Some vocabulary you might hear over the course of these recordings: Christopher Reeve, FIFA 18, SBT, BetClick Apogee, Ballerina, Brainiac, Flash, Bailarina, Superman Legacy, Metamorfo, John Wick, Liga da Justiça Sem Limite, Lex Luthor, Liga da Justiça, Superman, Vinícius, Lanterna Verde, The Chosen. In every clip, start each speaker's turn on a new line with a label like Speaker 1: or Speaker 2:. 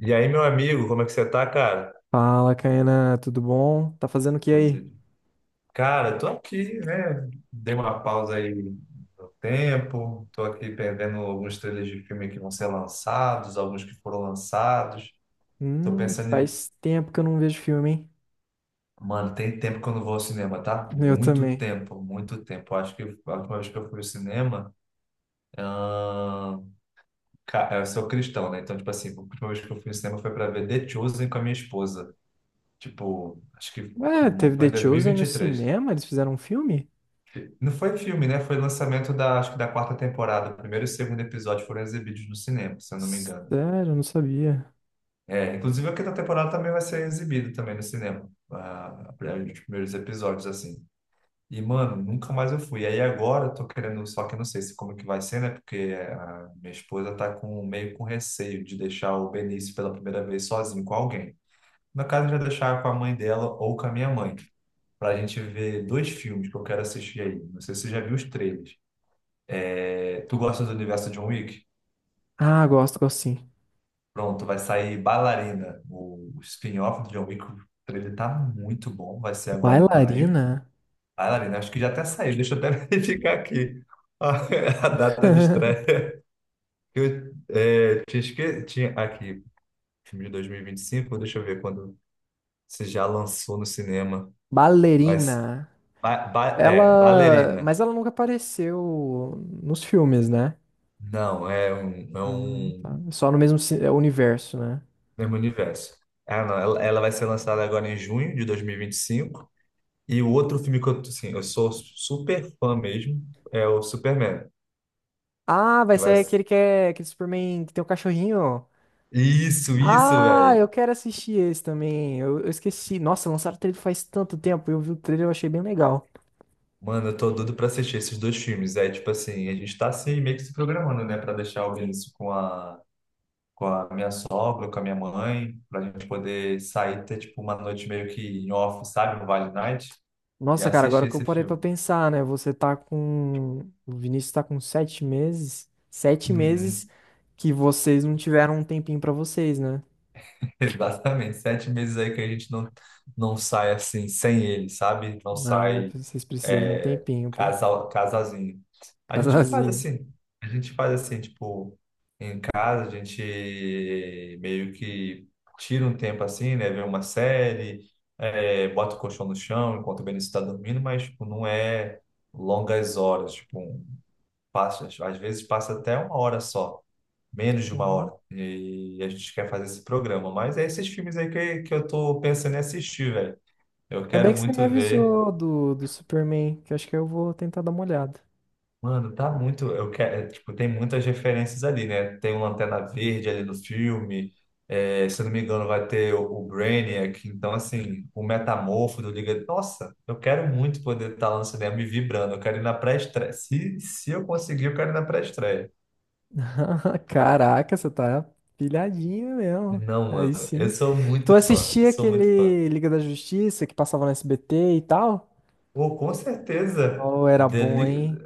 Speaker 1: E aí, meu amigo, como é que você tá, cara?
Speaker 2: Fala, Caena, tudo bom? Tá fazendo o que aí?
Speaker 1: Tudo- Cara, tô aqui, né? Dei uma pausa aí no tempo, tô aqui perdendo alguns trailers de filme que vão ser lançados, alguns que foram lançados. Tô pensando em...
Speaker 2: Faz tempo que eu não vejo filme, hein?
Speaker 1: Mano, tem tempo que eu não vou ao cinema, tá?
Speaker 2: Eu
Speaker 1: Muito
Speaker 2: também.
Speaker 1: tempo, muito tempo. Eu acho que a última vez que eu fui ao cinema... ahn, Eu sou cristão, né? Então, tipo assim, a última vez que eu fui ao cinema foi pra ver The Chosen com a minha esposa. Tipo, acho que
Speaker 2: Ué, teve
Speaker 1: foi em
Speaker 2: The Chosen no
Speaker 1: 2023.
Speaker 2: cinema? Eles fizeram um filme?
Speaker 1: Não foi filme, né? Foi lançamento da, acho que da quarta temporada. O primeiro e o segundo episódio foram exibidos no cinema, se eu não me engano.
Speaker 2: Sério, eu não sabia.
Speaker 1: É, inclusive a quinta temporada também vai ser exibida também no cinema. Ah, os primeiros episódios, assim. E, mano, nunca mais eu fui. Aí agora eu tô querendo, só que eu não sei se como que vai ser, né? Porque a minha esposa tá meio com receio de deixar o Benício pela primeira vez sozinho com alguém. No caso, já deixar com a mãe dela ou com a minha mãe. Pra gente ver dois filmes que eu quero assistir aí. Não sei se você já viu os trailers. É, tu gosta do universo John Wick?
Speaker 2: Ah, gosto, gosto sim.
Speaker 1: Pronto, vai sair Bailarina, o spin-off do John Wick. O trailer tá muito bom, vai ser agora em maio.
Speaker 2: Bailarina?
Speaker 1: Bailarina, acho que já até saiu, deixa eu até verificar aqui a, a data de estreia. Eu é, tinha, esque... Tinha aqui, filme de 2025, deixa eu ver quando se já lançou no cinema. Vai, s-
Speaker 2: Ballerina.
Speaker 1: ba, ba- é,
Speaker 2: Ela.
Speaker 1: Bailarina.
Speaker 2: Mas ela nunca apareceu nos filmes, né?
Speaker 1: Não, é um, é
Speaker 2: Ah,
Speaker 1: um
Speaker 2: tá. Só no mesmo é, universo, né?
Speaker 1: mesmo universo. Ah, não, ela vai ser lançada agora em junho de 2025. E o outro filme que eu, assim, eu sou super fã mesmo é o Superman,
Speaker 2: Ah, vai
Speaker 1: que vai...
Speaker 2: ser aquele que é aquele Superman que tem o cachorrinho.
Speaker 1: Isso,
Speaker 2: Ah, eu
Speaker 1: velho.
Speaker 2: quero assistir esse também. Eu esqueci. Nossa, lançaram o trailer faz tanto tempo. Eu vi o trailer, e eu achei bem legal.
Speaker 1: Mano, eu tô doido pra assistir esses dois filmes. Aí, tipo assim, a gente tá assim, meio que se programando, né? Pra deixar o Vinícius com a minha sogra, com a minha mãe, pra gente poder sair, ter, tipo, uma noite meio que em off, sabe? No Vale Night, e
Speaker 2: Nossa, cara, agora
Speaker 1: assistir
Speaker 2: que eu
Speaker 1: esse
Speaker 2: parei pra
Speaker 1: filme.
Speaker 2: pensar, né? Você tá com. O Vinícius tá com sete meses. Sete meses
Speaker 1: Uhum.
Speaker 2: que vocês não tiveram um tempinho pra vocês, né?
Speaker 1: Exatamente. 7 meses aí que a gente não sai assim, sem ele, sabe? Não
Speaker 2: Ah,
Speaker 1: sai
Speaker 2: vocês precisam de um
Speaker 1: é,
Speaker 2: tempinho, pô.
Speaker 1: casal, casalzinho. A gente faz
Speaker 2: Casalzinho.
Speaker 1: assim, a gente faz assim, tipo, em casa a gente meio que tira um tempo assim, né? Vê uma série, bota o colchão no chão enquanto o Benício está dormindo, mas tipo, não é longas horas, tipo, às vezes passa até uma hora só, menos de uma
Speaker 2: Uhum.
Speaker 1: hora. E a gente quer fazer esse programa, mas é esses filmes aí que eu tô pensando em assistir, velho. Eu
Speaker 2: Ainda bem
Speaker 1: quero
Speaker 2: que você me
Speaker 1: muito ver.
Speaker 2: avisou do Superman, que eu acho que eu vou tentar dar uma olhada.
Speaker 1: Mano, tá muito. Eu quero, tipo, tem muitas referências ali, né? Tem o Lanterna Verde ali no filme. Se eu não me engano, vai ter o Brainiac. Então, assim, o Metamorfo do Liga. Nossa, eu quero muito poder estar lá no cinema me vibrando. Eu quero ir na pré-estreia. Se eu conseguir, eu quero ir na pré-estreia.
Speaker 2: Caraca, você tá pilhadinha mesmo.
Speaker 1: Não,
Speaker 2: Aí
Speaker 1: mano, eu
Speaker 2: sim.
Speaker 1: sou
Speaker 2: Tu
Speaker 1: muito fã. Eu
Speaker 2: assistia
Speaker 1: sou muito fã.
Speaker 2: aquele Liga da Justiça que passava no SBT e tal?
Speaker 1: Ou com certeza.
Speaker 2: Oh, era bom, hein?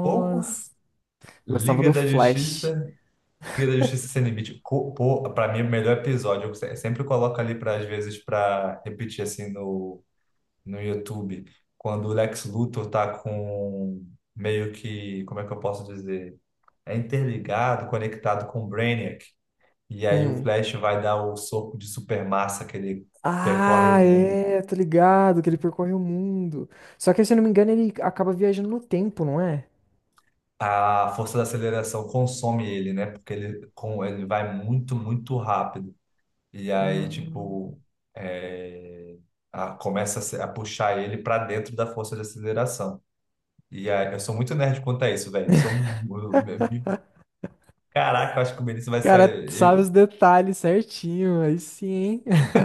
Speaker 1: Como?
Speaker 2: Eu gostava
Speaker 1: Liga
Speaker 2: do
Speaker 1: da
Speaker 2: Flash.
Speaker 1: Justiça. Liga da Justiça Sem Limite, pô, pra mim, é o melhor episódio, eu sempre coloco ali, pra, às vezes, pra repetir, assim, no YouTube, quando o Lex Luthor tá com meio que, como é que eu posso dizer? É interligado, conectado com o Brainiac, e aí o
Speaker 2: Hum.
Speaker 1: Flash vai dar o soco de supermassa que ele percorre
Speaker 2: Ah,
Speaker 1: o mundo.
Speaker 2: é, tô ligado que ele percorre o mundo. Só que, se eu não me engano, ele acaba viajando no tempo, não é?
Speaker 1: A força da aceleração consome ele, né? Porque ele vai muito, muito rápido. E aí,
Speaker 2: Ah.
Speaker 1: tipo, é, começa a, se- a puxar ele pra dentro da força de aceleração. E aí, eu sou muito nerd quanto a isso, velho. Sou, um- eu- Caraca, eu acho que o Benício vai
Speaker 2: Cara,
Speaker 1: ser.
Speaker 2: sabe
Speaker 1: Eu,
Speaker 2: os detalhes certinho. Aí sim, hein?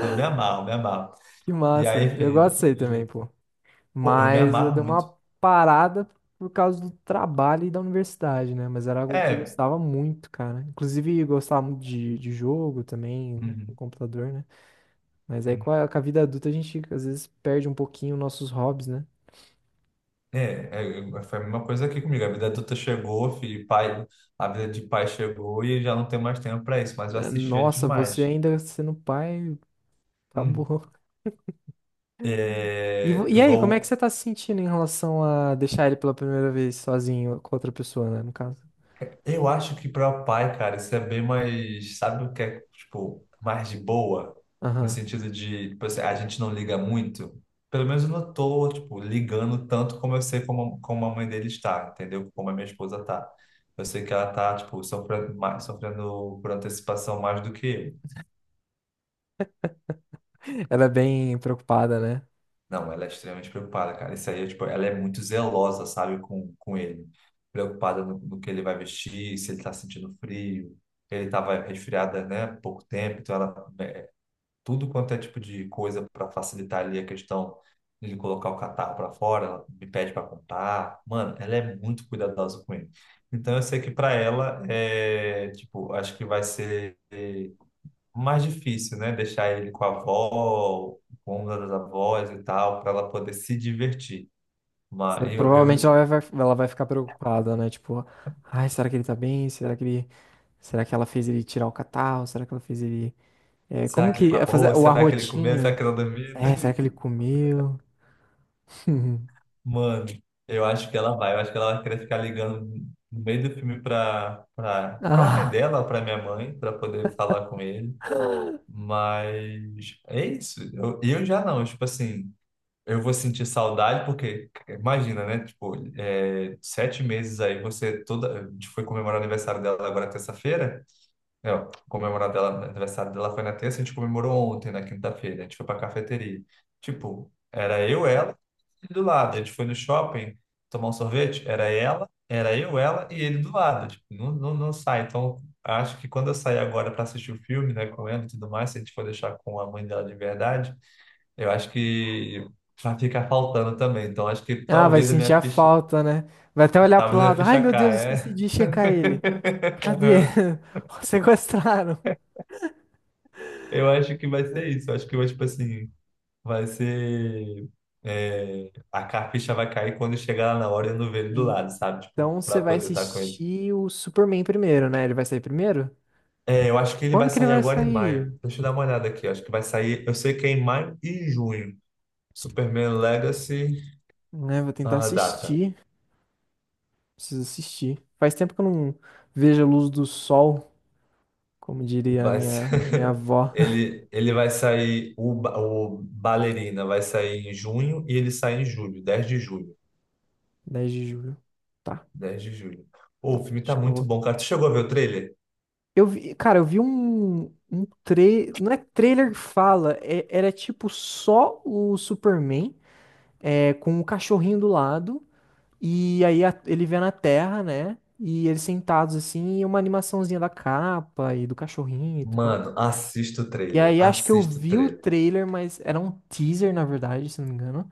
Speaker 1: eu me amarro, me amarro.
Speaker 2: Que
Speaker 1: E aí,
Speaker 2: massa. Eu gosto disso
Speaker 1: enfim,
Speaker 2: aí também, pô.
Speaker 1: pô, eu me
Speaker 2: Mas eu
Speaker 1: amarro
Speaker 2: dei
Speaker 1: muito.
Speaker 2: uma parada por causa do trabalho e da universidade, né? Mas era algo que eu
Speaker 1: É.
Speaker 2: gostava muito, cara. Inclusive, eu gostava muito de jogo também, no
Speaker 1: Uhum,
Speaker 2: computador, né? Mas aí
Speaker 1: uhum.
Speaker 2: com a vida adulta a gente às vezes perde um pouquinho nossos hobbies, né?
Speaker 1: É, é, foi a mesma coisa aqui comigo. A vida adulta chegou, filho, pai, a vida de pai chegou e já não tem mais tempo pra isso, mas eu assistia
Speaker 2: Nossa, você
Speaker 1: demais.
Speaker 2: ainda sendo pai,
Speaker 1: Hum.
Speaker 2: acabou. E,
Speaker 1: É,
Speaker 2: e aí, como é que
Speaker 1: igual
Speaker 2: você tá se sentindo em relação a deixar ele pela primeira vez sozinho com outra pessoa, né? No caso.
Speaker 1: Eu acho que para pai, cara, isso é bem mais, sabe o que é, tipo, mais de boa, no
Speaker 2: Aham.
Speaker 1: sentido de, tipo assim, a gente não liga muito. Pelo menos eu não tô, tipo, ligando tanto como eu sei como a mãe dele está, entendeu? Como a minha esposa tá. Eu sei que ela tá, tipo, sofrendo, mais, sofrendo por antecipação mais do que eu.
Speaker 2: Ela é bem preocupada, né?
Speaker 1: Não, ela é extremamente preocupada, cara. Isso aí, é, tipo, ela é muito zelosa, sabe, com ele. Preocupada no que ele vai vestir, se ele tá sentindo frio. Ele tava resfriada, né, há pouco tempo, então ela... tudo quanto é tipo de coisa para facilitar ali a questão de ele colocar o catarro para fora, ela me pede para comprar. Mano, ela é muito cuidadosa com ele. Então eu sei que para ela, tipo, acho que vai ser mais difícil, né? Deixar ele com a avó, com uma das avós e tal, para ela poder se divertir. Mas eu,
Speaker 2: Provavelmente
Speaker 1: eu,
Speaker 2: ela vai ficar preocupada, né? Tipo, ai, será que ele tá bem? Será que ele, será que ela fez ele tirar o catarro? Será que ela fez ele,
Speaker 1: Será
Speaker 2: como
Speaker 1: que ele
Speaker 2: que é fazer
Speaker 1: mamou?
Speaker 2: o
Speaker 1: Será que ele comeu? Será
Speaker 2: arrotinho?
Speaker 1: que ela dormiu?
Speaker 2: É, será que ele comeu?
Speaker 1: Mano, eu acho que ela vai. Eu acho que ela vai querer ficar ligando no meio do filme para mãe
Speaker 2: Ah,
Speaker 1: dela, para minha mãe, para poder falar com ele. Mas é isso. Eu já não, tipo assim. Eu vou sentir saudade porque, imagina, né? Tipo, 7 meses aí, você toda. A gente foi comemorar o aniversário dela agora terça-feira. É, ó, comemorar dela, o aniversário dela foi na terça, a gente comemorou ontem, na quinta-feira. A gente foi pra cafeteria. Tipo, era eu, ela e ele do lado. A gente foi no shopping tomar um sorvete, era ela, era eu, ela e ele do lado. Tipo, não, não, não sai. Então, acho que quando eu sair agora para assistir o filme, né, com ela e tudo mais, se a gente for deixar com a mãe dela de verdade. Eu acho que vai ficar faltando também. Então, acho que
Speaker 2: ah, vai
Speaker 1: talvez a
Speaker 2: sentir
Speaker 1: minha
Speaker 2: a
Speaker 1: ficha,
Speaker 2: falta, né? Vai até olhar pro
Speaker 1: talvez a minha
Speaker 2: lado. Ai,
Speaker 1: ficha
Speaker 2: meu Deus, esqueci
Speaker 1: caia.
Speaker 2: de checar ele. Cadê?
Speaker 1: Aham.
Speaker 2: Sequestraram.
Speaker 1: Eu acho que vai ser isso. Eu acho que, eu, tipo assim, vai ser. Ficha vai cair quando chegar lá na hora e eu não ver ele do lado, sabe? Tipo,
Speaker 2: Então você
Speaker 1: pra
Speaker 2: vai
Speaker 1: poder estar com ele.
Speaker 2: assistir o Superman primeiro, né? Ele vai sair primeiro?
Speaker 1: É, eu acho que ele
Speaker 2: Quando
Speaker 1: vai
Speaker 2: que ele
Speaker 1: sair
Speaker 2: vai
Speaker 1: agora em
Speaker 2: sair?
Speaker 1: maio. Deixa eu dar uma olhada aqui. Eu acho que vai sair. Eu sei que é em maio e junho. Superman Legacy,
Speaker 2: Né, vou tentar
Speaker 1: a data.
Speaker 2: assistir. Preciso assistir. Faz tempo que eu não vejo a luz do sol, como diria a
Speaker 1: Vai ser-
Speaker 2: minha avó,
Speaker 1: ele vai sair, o Ballerina vai sair em junho e ele sai em julho, 10 de julho.
Speaker 2: dez de julho. Tá,
Speaker 1: 10 de julho. Pô, o filme tá
Speaker 2: acho que eu
Speaker 1: muito
Speaker 2: vou.
Speaker 1: bom, cara. Tu chegou a ver o trailer?
Speaker 2: Eu vi, cara, um trailer. Não é trailer que fala, era tipo só o Superman com o cachorrinho do lado. E aí ele vê na Terra, né? E eles sentados assim, e uma animaçãozinha da capa e do cachorrinho e tal.
Speaker 1: Mano, assista o
Speaker 2: E
Speaker 1: trailer.
Speaker 2: aí acho que eu
Speaker 1: Assista o
Speaker 2: vi o
Speaker 1: trailer.
Speaker 2: trailer, mas era um teaser, na verdade, se não me engano.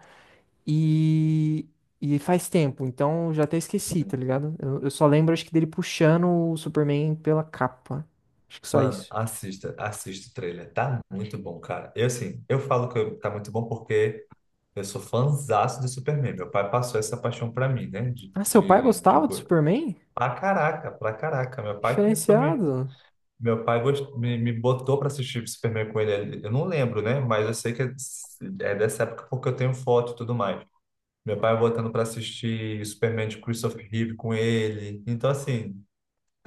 Speaker 2: E, e faz tempo, então já até esqueci, tá ligado? Eu só lembro, acho que dele puxando o Superman pela capa. Acho que só
Speaker 1: Mano,
Speaker 2: isso.
Speaker 1: assista, assista o trailer. Tá muito bom, cara. Eu, assim, eu falo que tá muito bom porque eu sou fãzaço do Superman. Meu pai passou essa paixão pra mim, né?
Speaker 2: Ah, seu pai gostava do Superman?
Speaker 1: Pra caraca, pra caraca. Meu pai que me,
Speaker 2: Diferenciado.
Speaker 1: Meu pai gost- me botou para assistir Superman com ele. Eu não lembro, né? Mas eu sei que é dessa época porque eu tenho foto e tudo mais. Meu pai botando para assistir Superman de Christopher Reeve com ele. Então, assim,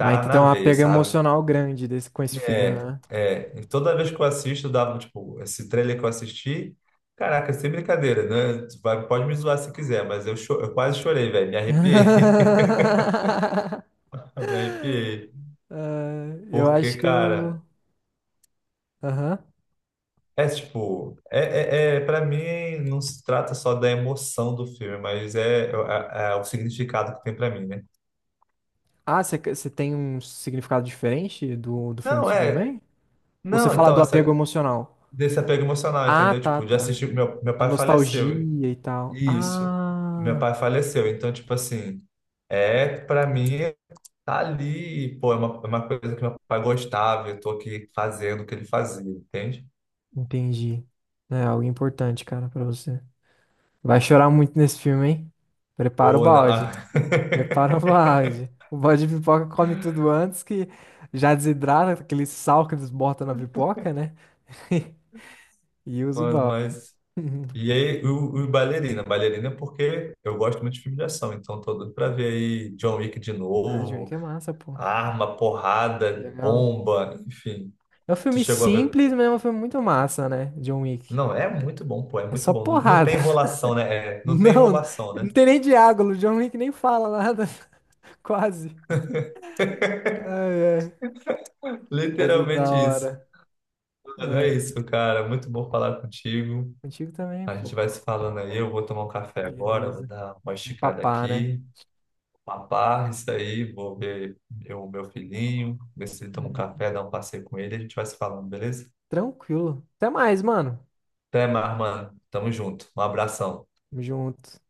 Speaker 2: Ah, então tem
Speaker 1: na
Speaker 2: uma
Speaker 1: veia,
Speaker 2: pega
Speaker 1: sabe?
Speaker 2: emocional grande desse, com esse filme,
Speaker 1: É,
Speaker 2: né?
Speaker 1: é. E toda vez que eu assisto, eu dava, tipo, esse trailer que eu assisti. Caraca, sem brincadeira, né? Pode me zoar se quiser, mas eu quase chorei, velho. Me arrepiei. Me arrepiei.
Speaker 2: Ah, eu
Speaker 1: Porque,
Speaker 2: acho que eu.
Speaker 1: cara.
Speaker 2: Aham.
Speaker 1: É tipo, para mim não se trata só da emoção do filme, mas é o significado que tem pra mim, né?
Speaker 2: Ah, você tem um significado diferente do filme do
Speaker 1: Não,
Speaker 2: Superman? Ou você
Speaker 1: não,
Speaker 2: fala
Speaker 1: então
Speaker 2: do apego
Speaker 1: essa
Speaker 2: emocional?
Speaker 1: desse apego emocional,
Speaker 2: Ah,
Speaker 1: entendeu?
Speaker 2: tá,
Speaker 1: Tipo, de
Speaker 2: tá.
Speaker 1: assistir meu
Speaker 2: A
Speaker 1: pai faleceu.
Speaker 2: nostalgia e tal.
Speaker 1: Isso. Meu
Speaker 2: Ah,
Speaker 1: pai faleceu, então tipo assim, é pra mim tá ali, pô, é uma coisa que meu pai gostava, eu tô aqui fazendo o que ele fazia, entende?
Speaker 2: entendi. É algo importante, cara, pra você. Vai chorar muito nesse filme, hein? Prepara o
Speaker 1: Ou não, ah,
Speaker 2: balde. Prepara o balde. O balde de pipoca come tudo antes que já desidrata aquele sal que eles botam na pipoca, né? E usa o
Speaker 1: mano,
Speaker 2: balde.
Speaker 1: mas. E aí, o Bailarina. Bailarina é porque eu gosto muito de filme de ação, então tô doido pra ver aí John Wick de
Speaker 2: Ah, John
Speaker 1: novo,
Speaker 2: Wick é massa, pô.
Speaker 1: arma, porrada,
Speaker 2: Legal.
Speaker 1: bomba, enfim.
Speaker 2: É um
Speaker 1: Tu
Speaker 2: filme
Speaker 1: chegou a ver?
Speaker 2: simples, mas é um filme muito massa, né? John Wick.
Speaker 1: Não, é muito bom, pô, é
Speaker 2: É
Speaker 1: muito
Speaker 2: só
Speaker 1: bom. Não, não
Speaker 2: porrada.
Speaker 1: tem enrolação, né? É, não tem
Speaker 2: Não,
Speaker 1: enrolação, né?
Speaker 2: não tem nem diálogo. John Wick nem fala nada, quase. Ai, ai. Mas é da
Speaker 1: Literalmente isso.
Speaker 2: hora.
Speaker 1: Mano, é isso, cara. Muito bom falar contigo.
Speaker 2: Contigo também,
Speaker 1: A gente
Speaker 2: pô.
Speaker 1: vai se falando aí. Eu vou tomar um café agora, vou
Speaker 2: Beleza.
Speaker 1: dar uma
Speaker 2: Um
Speaker 1: esticada
Speaker 2: papá, né?
Speaker 1: aqui. Uma barra, isso aí, vou ver eu, meu filhinho, ver se ele toma um
Speaker 2: Hum,
Speaker 1: café, dar um passeio com ele, a gente vai se falando, beleza?
Speaker 2: Tranquilo. Até mais, mano.
Speaker 1: Até mais, mano. Tamo junto. Um abração.
Speaker 2: Tamo junto.